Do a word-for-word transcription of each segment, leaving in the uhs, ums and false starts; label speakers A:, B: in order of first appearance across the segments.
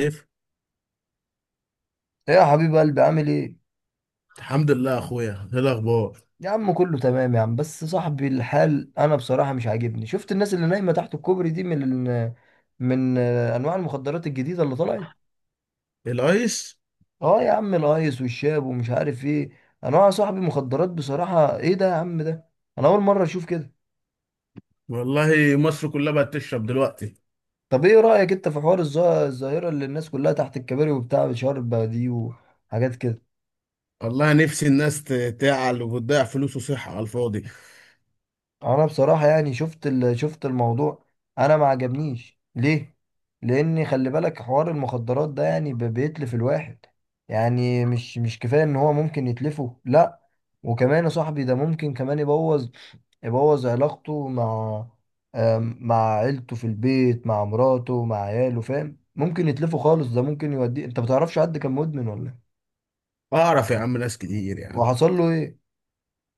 A: كيف؟
B: ايه يا حبيب قلبي، عامل ايه؟
A: الحمد لله يا اخويا، ايه الاخبار؟
B: يا عم كله تمام يا عم. بس صاحبي الحال انا بصراحة مش عاجبني. شفت الناس اللي نايمة تحت الكوبري دي من من انواع المخدرات الجديدة اللي طلعت.
A: الايس.
B: اه يا عم، الايس والشاب ومش عارف ايه انواع يا صاحبي مخدرات. بصراحة ايه ده يا عم ده؟ انا اول مرة اشوف كده.
A: والله مصر كلها بقت تشرب دلوقتي.
B: طب ايه رأيك انت في حوار الظا- الظاهرة اللي الناس كلها تحت الكباري وبتاع بشرب دي وحاجات كده؟
A: والله نفسي الناس ت- تعل وبتضيع فلوس وصحة على الفاضي.
B: انا بصراحه يعني شفت ال- شفت الموضوع. انا ما عجبنيش ليه؟ لان خلي بالك حوار المخدرات ده يعني ب- بيتلف الواحد. يعني مش مش كفايه ان هو ممكن يتلفه، لا، وكمان يا صاحبي ده ممكن كمان يبوظ، يبوظ علاقته مع آم، مع عيلته في البيت، مع مراته، مع عياله. فاهم؟ ممكن يتلفه خالص، ده ممكن يوديه. انت ما تعرفش حد كان مدمن ولا إيه؟
A: اعرف يا عم، ناس كتير يا عم.
B: وحصل له ايه؟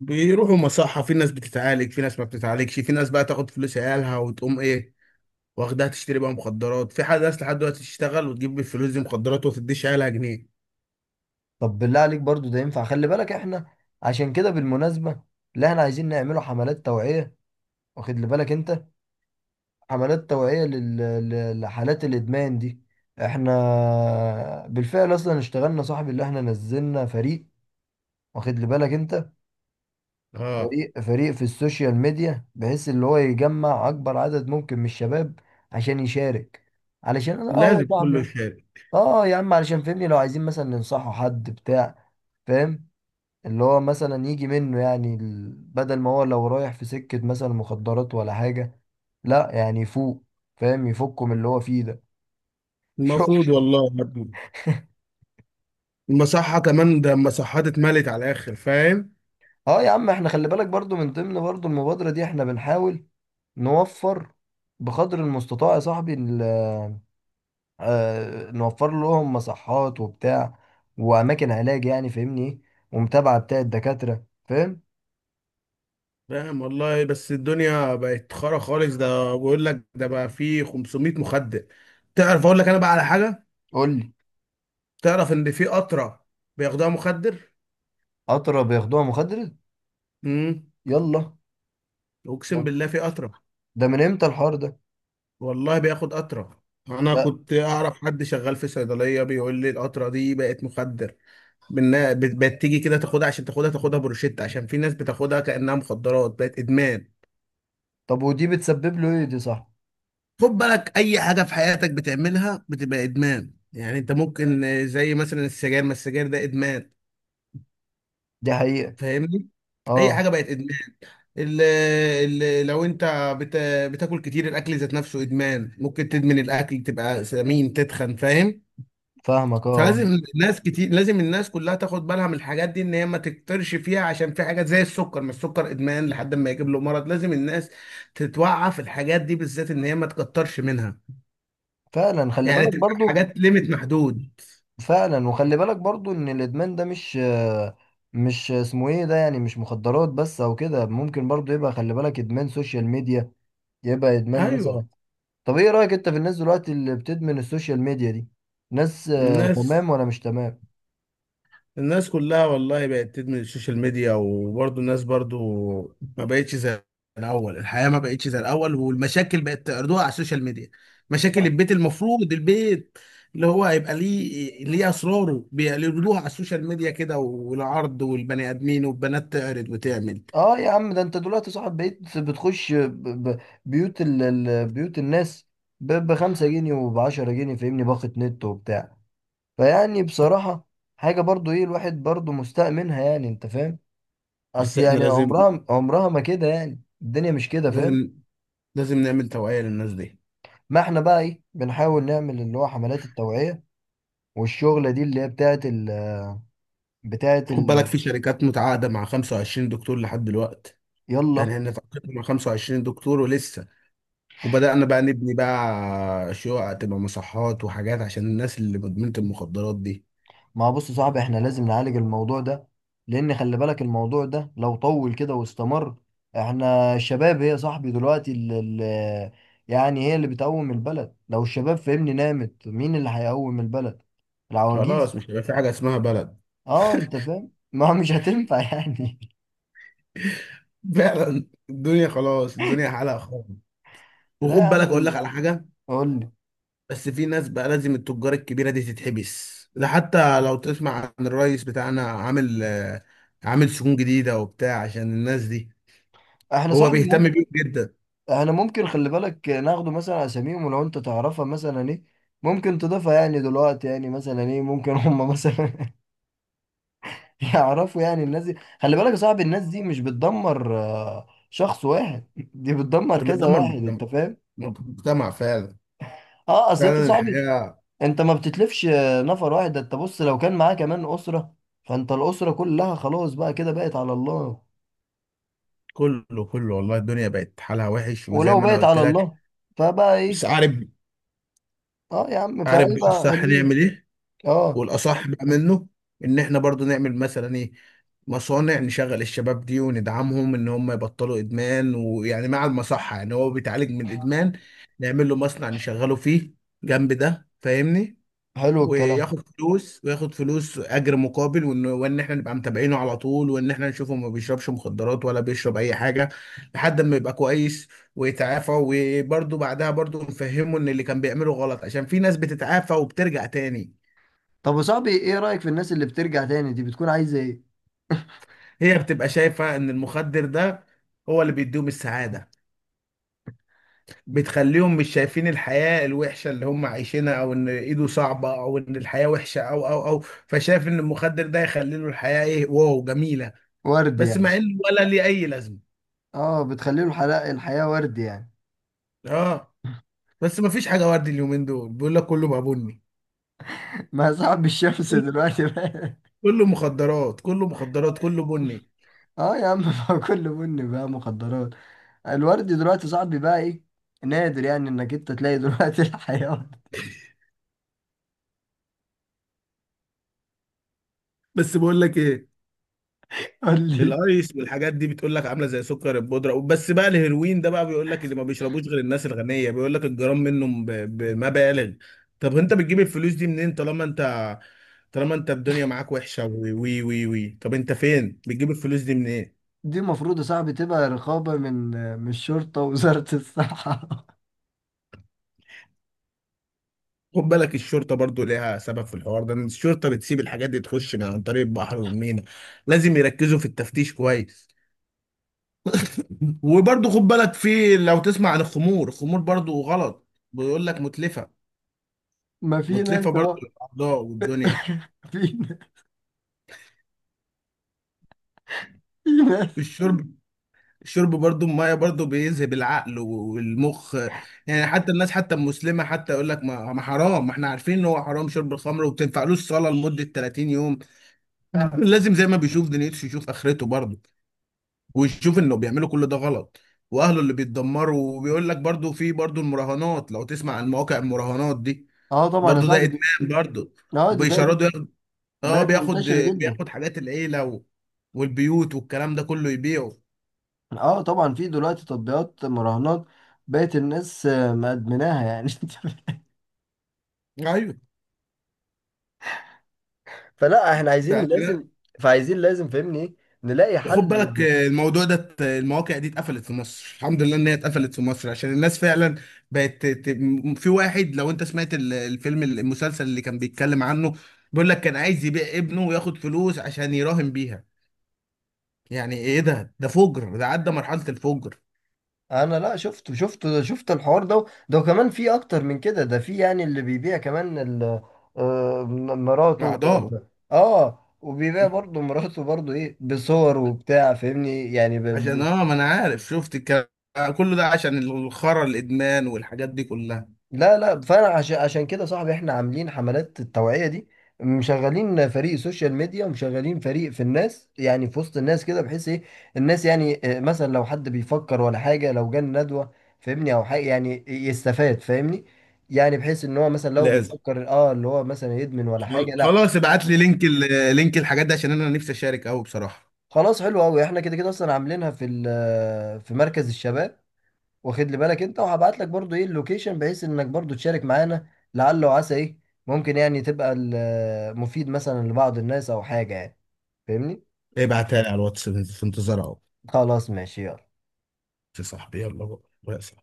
A: بيروحوا مصحة، في ناس بتتعالج، في ناس ما بتتعالجش، في ناس بقى تاخد فلوس عيالها وتقوم ايه، واخدها تشتري بقى مخدرات. في حد ناس لحد دلوقتي تشتغل وتجيب بالفلوس دي مخدرات وتديش عيالها جنيه.
B: طب بالله عليك برضو ده ينفع؟ خلي بالك احنا عشان كده بالمناسبة اللي احنا عايزين نعمله حملات توعية، واخد لي بالك انت؟ حملات توعية لل... ل- لحالات الادمان دي. احنا بالفعل اصلا اشتغلنا صاحبي، اللي احنا نزلنا فريق، واخد لي بالك انت؟
A: اه،
B: فريق فريق في السوشيال ميديا بحيث اللي هو يجمع اكبر عدد ممكن من الشباب عشان يشارك. علشان انا اه
A: لازم
B: يا
A: كله
B: صاحبي،
A: يشارك.
B: اه يا عم، علشان فهمني لو عايزين مثلا ننصحه حد بتاع، فاهم؟ اللي هو مثلا يجي منه، يعني ال- بدل ما هو لو رايح في سكة مثلا مخدرات ولا حاجة، لا، يعني يفوق، فاهم؟ يفكه من اللي هو فيه ده.
A: المفروض والله يا ابني، المصحة كمان، ده المصحات اتملت على الاخر، فاهم؟
B: اه يا عم، احنا خلي بالك برضو من ضمن برضو المبادرة دي احنا بنحاول نوفر بقدر المستطاع يا صاحبي، ال- آه، نوفر لهم مصحات وبتاع وأماكن علاج يعني، فاهمني ايه؟ ومتابعة بتاع الدكاترة، فاهم؟
A: فاهم والله، بس الدنيا بقت خرا خالص. ده بقول لك، ده بقى فيه خمسمائة مخدر. تعرف اقول لك انا بقى على حاجه؟
B: قول لي.
A: تعرف ان في قطره بياخدوها مخدر؟
B: أطرى بياخدوها مخدرات؟
A: امم
B: يلا. ده
A: اقسم بالله في قطره.
B: ده من امتى الحوار ده؟
A: والله بياخد قطره، انا
B: ده
A: كنت اعرف حد شغال في صيدليه بيقول لي القطره دي بقت مخدر. بإنها- بقت تيجي كده تاخدها، عشان تاخدها، تاخدها بروشيت، عشان في ناس بتاخدها كانها مخدرات، بقت ادمان.
B: طب ودي بتسبب له ايه دي؟ صح،
A: خد بالك، اي حاجه في حياتك بتعملها بتبقى ادمان. يعني انت ممكن آه، زي مثلا السجاير، ما السجاير ده ادمان.
B: دي حقيقة.
A: فاهمني؟ اي
B: اه
A: حاجه بقت ادمان. ال ال لو انت بت بتاكل كتير، الاكل ذات نفسه ادمان، ممكن تدمن الاكل تبقى سمين تتخن، فاهم؟
B: فاهمك اه آه.
A: فلازم الناس كتير، لازم الناس كلها تاخد بالها من الحاجات دي، ان هي ما تكترش فيها، عشان في حاجات زي السكر، ما السكر ادمان لحد ما يجيب له مرض. لازم الناس تتوعى في الحاجات دي بالذات، ان هي ما تكترش منها،
B: فعلا خلي
A: يعني
B: بالك
A: تبقى
B: برضو.
A: حاجات ليميت محدود.
B: فعلا وخلي بالك برضو ان الادمان ده مش آه، مش اسمه ايه ده، يعني مش مخدرات بس او كده. ممكن برضو يبقى خلي بالك ادمان سوشيال ميديا، يبقى ادمان
A: ايوه.
B: مثلا. طب ايه رأيك انت في الناس دلوقتي اللي بتدمن السوشيال ميديا دي؟ ناس آه،
A: الناس،
B: تمام ولا مش تمام؟
A: الناس كلها والله بقت تدمن السوشيال ميديا. وبرضه الناس برضه ما بقتش زي الاول، الحياه ما بقتش زي الاول، والمشاكل بقت تعرضوها على السوشيال ميديا. مشاكل البيت، المفروض البيت اللي هو هيبقى ليه، ليه اسراره بيعرضوها على السوشيال ميديا كده، والعرض، والبني ادمين والبنات تعرض وتعمل.
B: اه يا عم، ده انت دلوقتي صاحب بقيت بتخش ب- ب- بيوت ال... ال- بيوت الناس ب... بخمسة جنيه وبعشرة جنيه، فاهمني؟ باقة نت وبتاع. فيعني بصراحة حاجة برضو ايه الواحد برضو مستاء منها، يعني انت فاهم؟
A: بس
B: اصل
A: احنا
B: يعني
A: لازم،
B: عمرها عمرها ما كده، يعني الدنيا مش كده، فاهم؟
A: لازم لازم نعمل توعيه للناس دي.
B: ما احنا بقى ايه بنحاول نعمل اللي هو حملات التوعية والشغلة دي اللي هي بتاعت ال... بتاعت
A: خد بالك،
B: ال...
A: في شركات متعاقده مع خمسة وعشرين دكتور لحد دلوقتي،
B: يلا.
A: يعني احنا اتعاقدنا مع خمسة وعشرين دكتور ولسه. وبدأنا بقى نبني بقى شقق تبقى مصحات وحاجات عشان الناس اللي مدمنة المخدرات دي.
B: ما هو بص يا صاحبي، احنا لازم نعالج الموضوع ده، لان خلي بالك الموضوع ده لو طول كده واستمر، احنا الشباب هي يا صاحبي دلوقتي اللي، يعني هي اللي بتقوم البلد. لو الشباب فهمني نامت، مين اللي هيقوم البلد؟
A: خلاص،
B: العواجيز؟
A: مش هيبقى في حاجة اسمها بلد.
B: اه انت فاهم. ما مش هتنفع يعني.
A: فعلا الدنيا خلاص، الدنيا حالها خالص.
B: لا
A: وخد
B: يا عم
A: بالك، أقول
B: ال-.
A: لك على حاجة.
B: قول لي.
A: بس في ناس بقى، لازم التجار الكبيرة دي تتحبس. ده حتى لو تسمع عن الرئيس بتاعنا، عامل آه، عامل سجون جديدة وبتاع عشان الناس دي.
B: احنا
A: هو
B: صاحبي
A: بيهتم
B: ممكن،
A: بيهم جدا.
B: احنا ممكن خلي بالك ناخده مثلا اساميهم ولو انت تعرفها مثلا ايه ممكن تضيفها، يعني دلوقتي يعني مثلا ايه ممكن هم مثلا يعرفوا يعني الناس دي. خلي بالك يا صاحبي الناس دي مش بتدمر آه، شخص واحد، دي بتدمر
A: ده
B: كذا
A: بتدمر
B: واحد،
A: المجتمع،
B: انت فاهم؟
A: المجتمع فعلا.
B: اه اصل انت
A: فعلا
B: صاحبي،
A: الحياة.
B: انت ما بتتلفش آه، نفر واحد ده، انت بص لو كان معاه كمان اسرة، فانت الاسرة كلها خلاص بقى كده بقت على الله.
A: كله، كله والله الدنيا بقت حالها وحش، وزي
B: ولو
A: ما انا
B: بقت
A: قلت
B: على
A: لك.
B: الله فبقى
A: بس
B: ايه؟
A: عارف؟
B: اه يا عم،
A: عارف بقى
B: فهيبقى
A: الصح
B: حلوين.
A: نعمل ايه؟
B: اه
A: والاصح بقى منه، ان احنا برضو نعمل مثلا ايه، مصانع نشغل الشباب دي، وندعمهم ان هم يبطلوا ادمان. ويعني مع المصحة، يعني هو بيتعالج من الادمان، نعمل له مصنع نشغله فيه جنب ده، فاهمني؟
B: حلو الكلام.
A: وياخد فلوس، وياخد فلوس اجر مقابل. وان وان احنا نبقى متابعينه على طول، وان احنا نشوفه ما بيشربش مخدرات ولا بيشرب اي حاجه، لحد ما يبقى كويس ويتعافى. وبرده بعدها برده نفهمه ان اللي كان بيعمله غلط، عشان في ناس بتتعافى وبترجع تاني.
B: طب يا صاحبي ايه رأيك في الناس اللي بترجع تاني دي؟ بتكون عايزة ايه؟
A: هي بتبقى شايفه ان المخدر ده هو اللي بيديهم السعاده، بتخليهم مش شايفين الحياه الوحشه اللي هم عايشينها، او ان ايده صعبه، او ان الحياه وحشه، او او او فشايف ان المخدر ده يخلي له الحياه ايه، واو جميله،
B: ورد
A: بس
B: يعني؟
A: مع انه ولا ليه اي لازمه.
B: اه بتخلي له الحياة، الحياة ورد يعني.
A: اه. بس ما فيش حاجه وردي اليومين دول، بيقول لك كله بقى بني.
B: ما صاحب الشمس
A: كله
B: دلوقتي بقى.
A: كله مخدرات، كله مخدرات، كله بني.
B: اه يا عم. ما هو كله بني بقى مخدرات. الورد دلوقتي صاحبي بقى ايه؟ نادر، يعني انك انت تلاقي دلوقتي الحيوان.
A: بس بقول لك ايه،
B: قول لي.
A: الايس والحاجات دي بتقول لك عامله زي سكر البودره. بس بقى الهيروين ده بقى بيقول لك اللي ما بيشربوش غير الناس الغنيه، بيقول لك الجرام منه ب- بمبالغ. طب انت بتجيب الفلوس دي منين، طالما انت طالما انت الدنيا معاك وحشه، وي وي وي وي. طب انت فين بتجيب الفلوس دي منين؟
B: دي المفروض يا صاحبي تبقى رقابة من من الشرطة ووزارة الصحة.
A: خد بالك، الشرطة برضو ليها سبب في الحوار ده، إن الشرطة بتسيب الحاجات دي تخش من عن طريق البحر والمينا. لازم يركزوا في التفتيش كويس. وبرضو خد بالك، في لو تسمع عن الخمور، الخمور برضو غلط، بيقول لك متلفة،
B: ما في
A: متلفة
B: ناس
A: برضو
B: اه،
A: للأعضاء والدنيا.
B: في ناس، في ناس.
A: الشرب، الشرب برضو المية برضو بيذهب العقل والمخ. يعني حتى الناس، حتى المسلمة، حتى يقول لك ما ما حرام، ما احنا عارفين ان هو حرام شرب الخمر، وما بتنفعلوش صلاة لمدة تلاتين يوم. لازم زي ما بيشوف دنيته يشوف آخرته برضو، ويشوف انه بيعملوا كل ده غلط، واهله اللي بيتدمروا. وبيقول لك برضو، في برضو المراهنات، لو تسمع عن مواقع المراهنات دي،
B: اه طبعا يا
A: برضو ده
B: صاحبي
A: ادمان
B: دي،
A: برضو.
B: اه دي بقت،
A: وبيشردوا ياخد، اه
B: بقت
A: بياخد،
B: منتشرة جدا.
A: بياخد حاجات العيله و... والبيوت والكلام ده كله يبيعه.
B: اه طبعا في دلوقتي تطبيقات مراهنات بقت الناس آه، مدمناها يعني.
A: ايوه.
B: فلا احنا عايزين
A: يعني لا.
B: لازم، فعايزين لازم فاهمني ايه؟ نلاقي
A: وخد
B: حل.
A: بالك آه، الموضوع ده ات- المواقع دي اتقفلت في مصر. الحمد لله ان هي اتقفلت في مصر، عشان الناس فعلا بقت ت- ت- في واحد لو انت سمعت ال- الفيلم المسلسل اللي كان بيتكلم عنه، بيقول لك كان عايز يبيع ابنه وياخد فلوس عشان يراهن بيها. يعني ايه ده، ده فجر، ده عدى مرحلة الفجر.
B: انا لا شفت شفت شفت الحوار ده. ده كمان في اكتر من كده، ده في يعني اللي بيبيع كمان ال- آه، م- مراته ب-
A: عضال.
B: ب- اه وبيبيع برضه مراته برضه ايه بصور وبتاع، فاهمني يعني.
A: عشان اه، ما انا عارف، شفت الكلام كله ده، عشان الخرا الادمان والحاجات دي كلها.
B: لا لا، فانا عشان عشان كده صاحبي احنا عاملين حملات التوعية دي، مشغلين فريق سوشيال ميديا ومشغلين فريق في الناس، يعني في وسط الناس كده، بحيث ايه الناس يعني آه، مثلا لو حد بيفكر ولا حاجة، لو جه ندوة فاهمني او حاجة يعني آه، يستفاد، فاهمني؟ يعني بحيث ان هو مثلا لو
A: لازم،
B: بيفكر اه اللي هو مثلا يدمن ولا حاجة،
A: خل-
B: لا.
A: خلاص ابعت لي لينك، ال- لينك الحاجات دي، عشان انا نفسي اشارك قوي بصراحة.
B: خلاص حلو قوي، احنا كده كده اصلا عاملينها في ال- آه، في مركز الشباب، واخد لي بالك انت؟ وهبعت لك برضو ايه اللوكيشن بحيث انك برضو تشارك معانا، لعل وعسى ايه، ممكن يعني تبقى ال- مفيد مثلا لبعض الناس او حاجة يعني، فاهمني؟
A: ابعتها لي على الواتس، في انتظار اهو.
B: خلاص ماشي يلا.
A: يا صاحبي يلا بقى، يا صاحبي.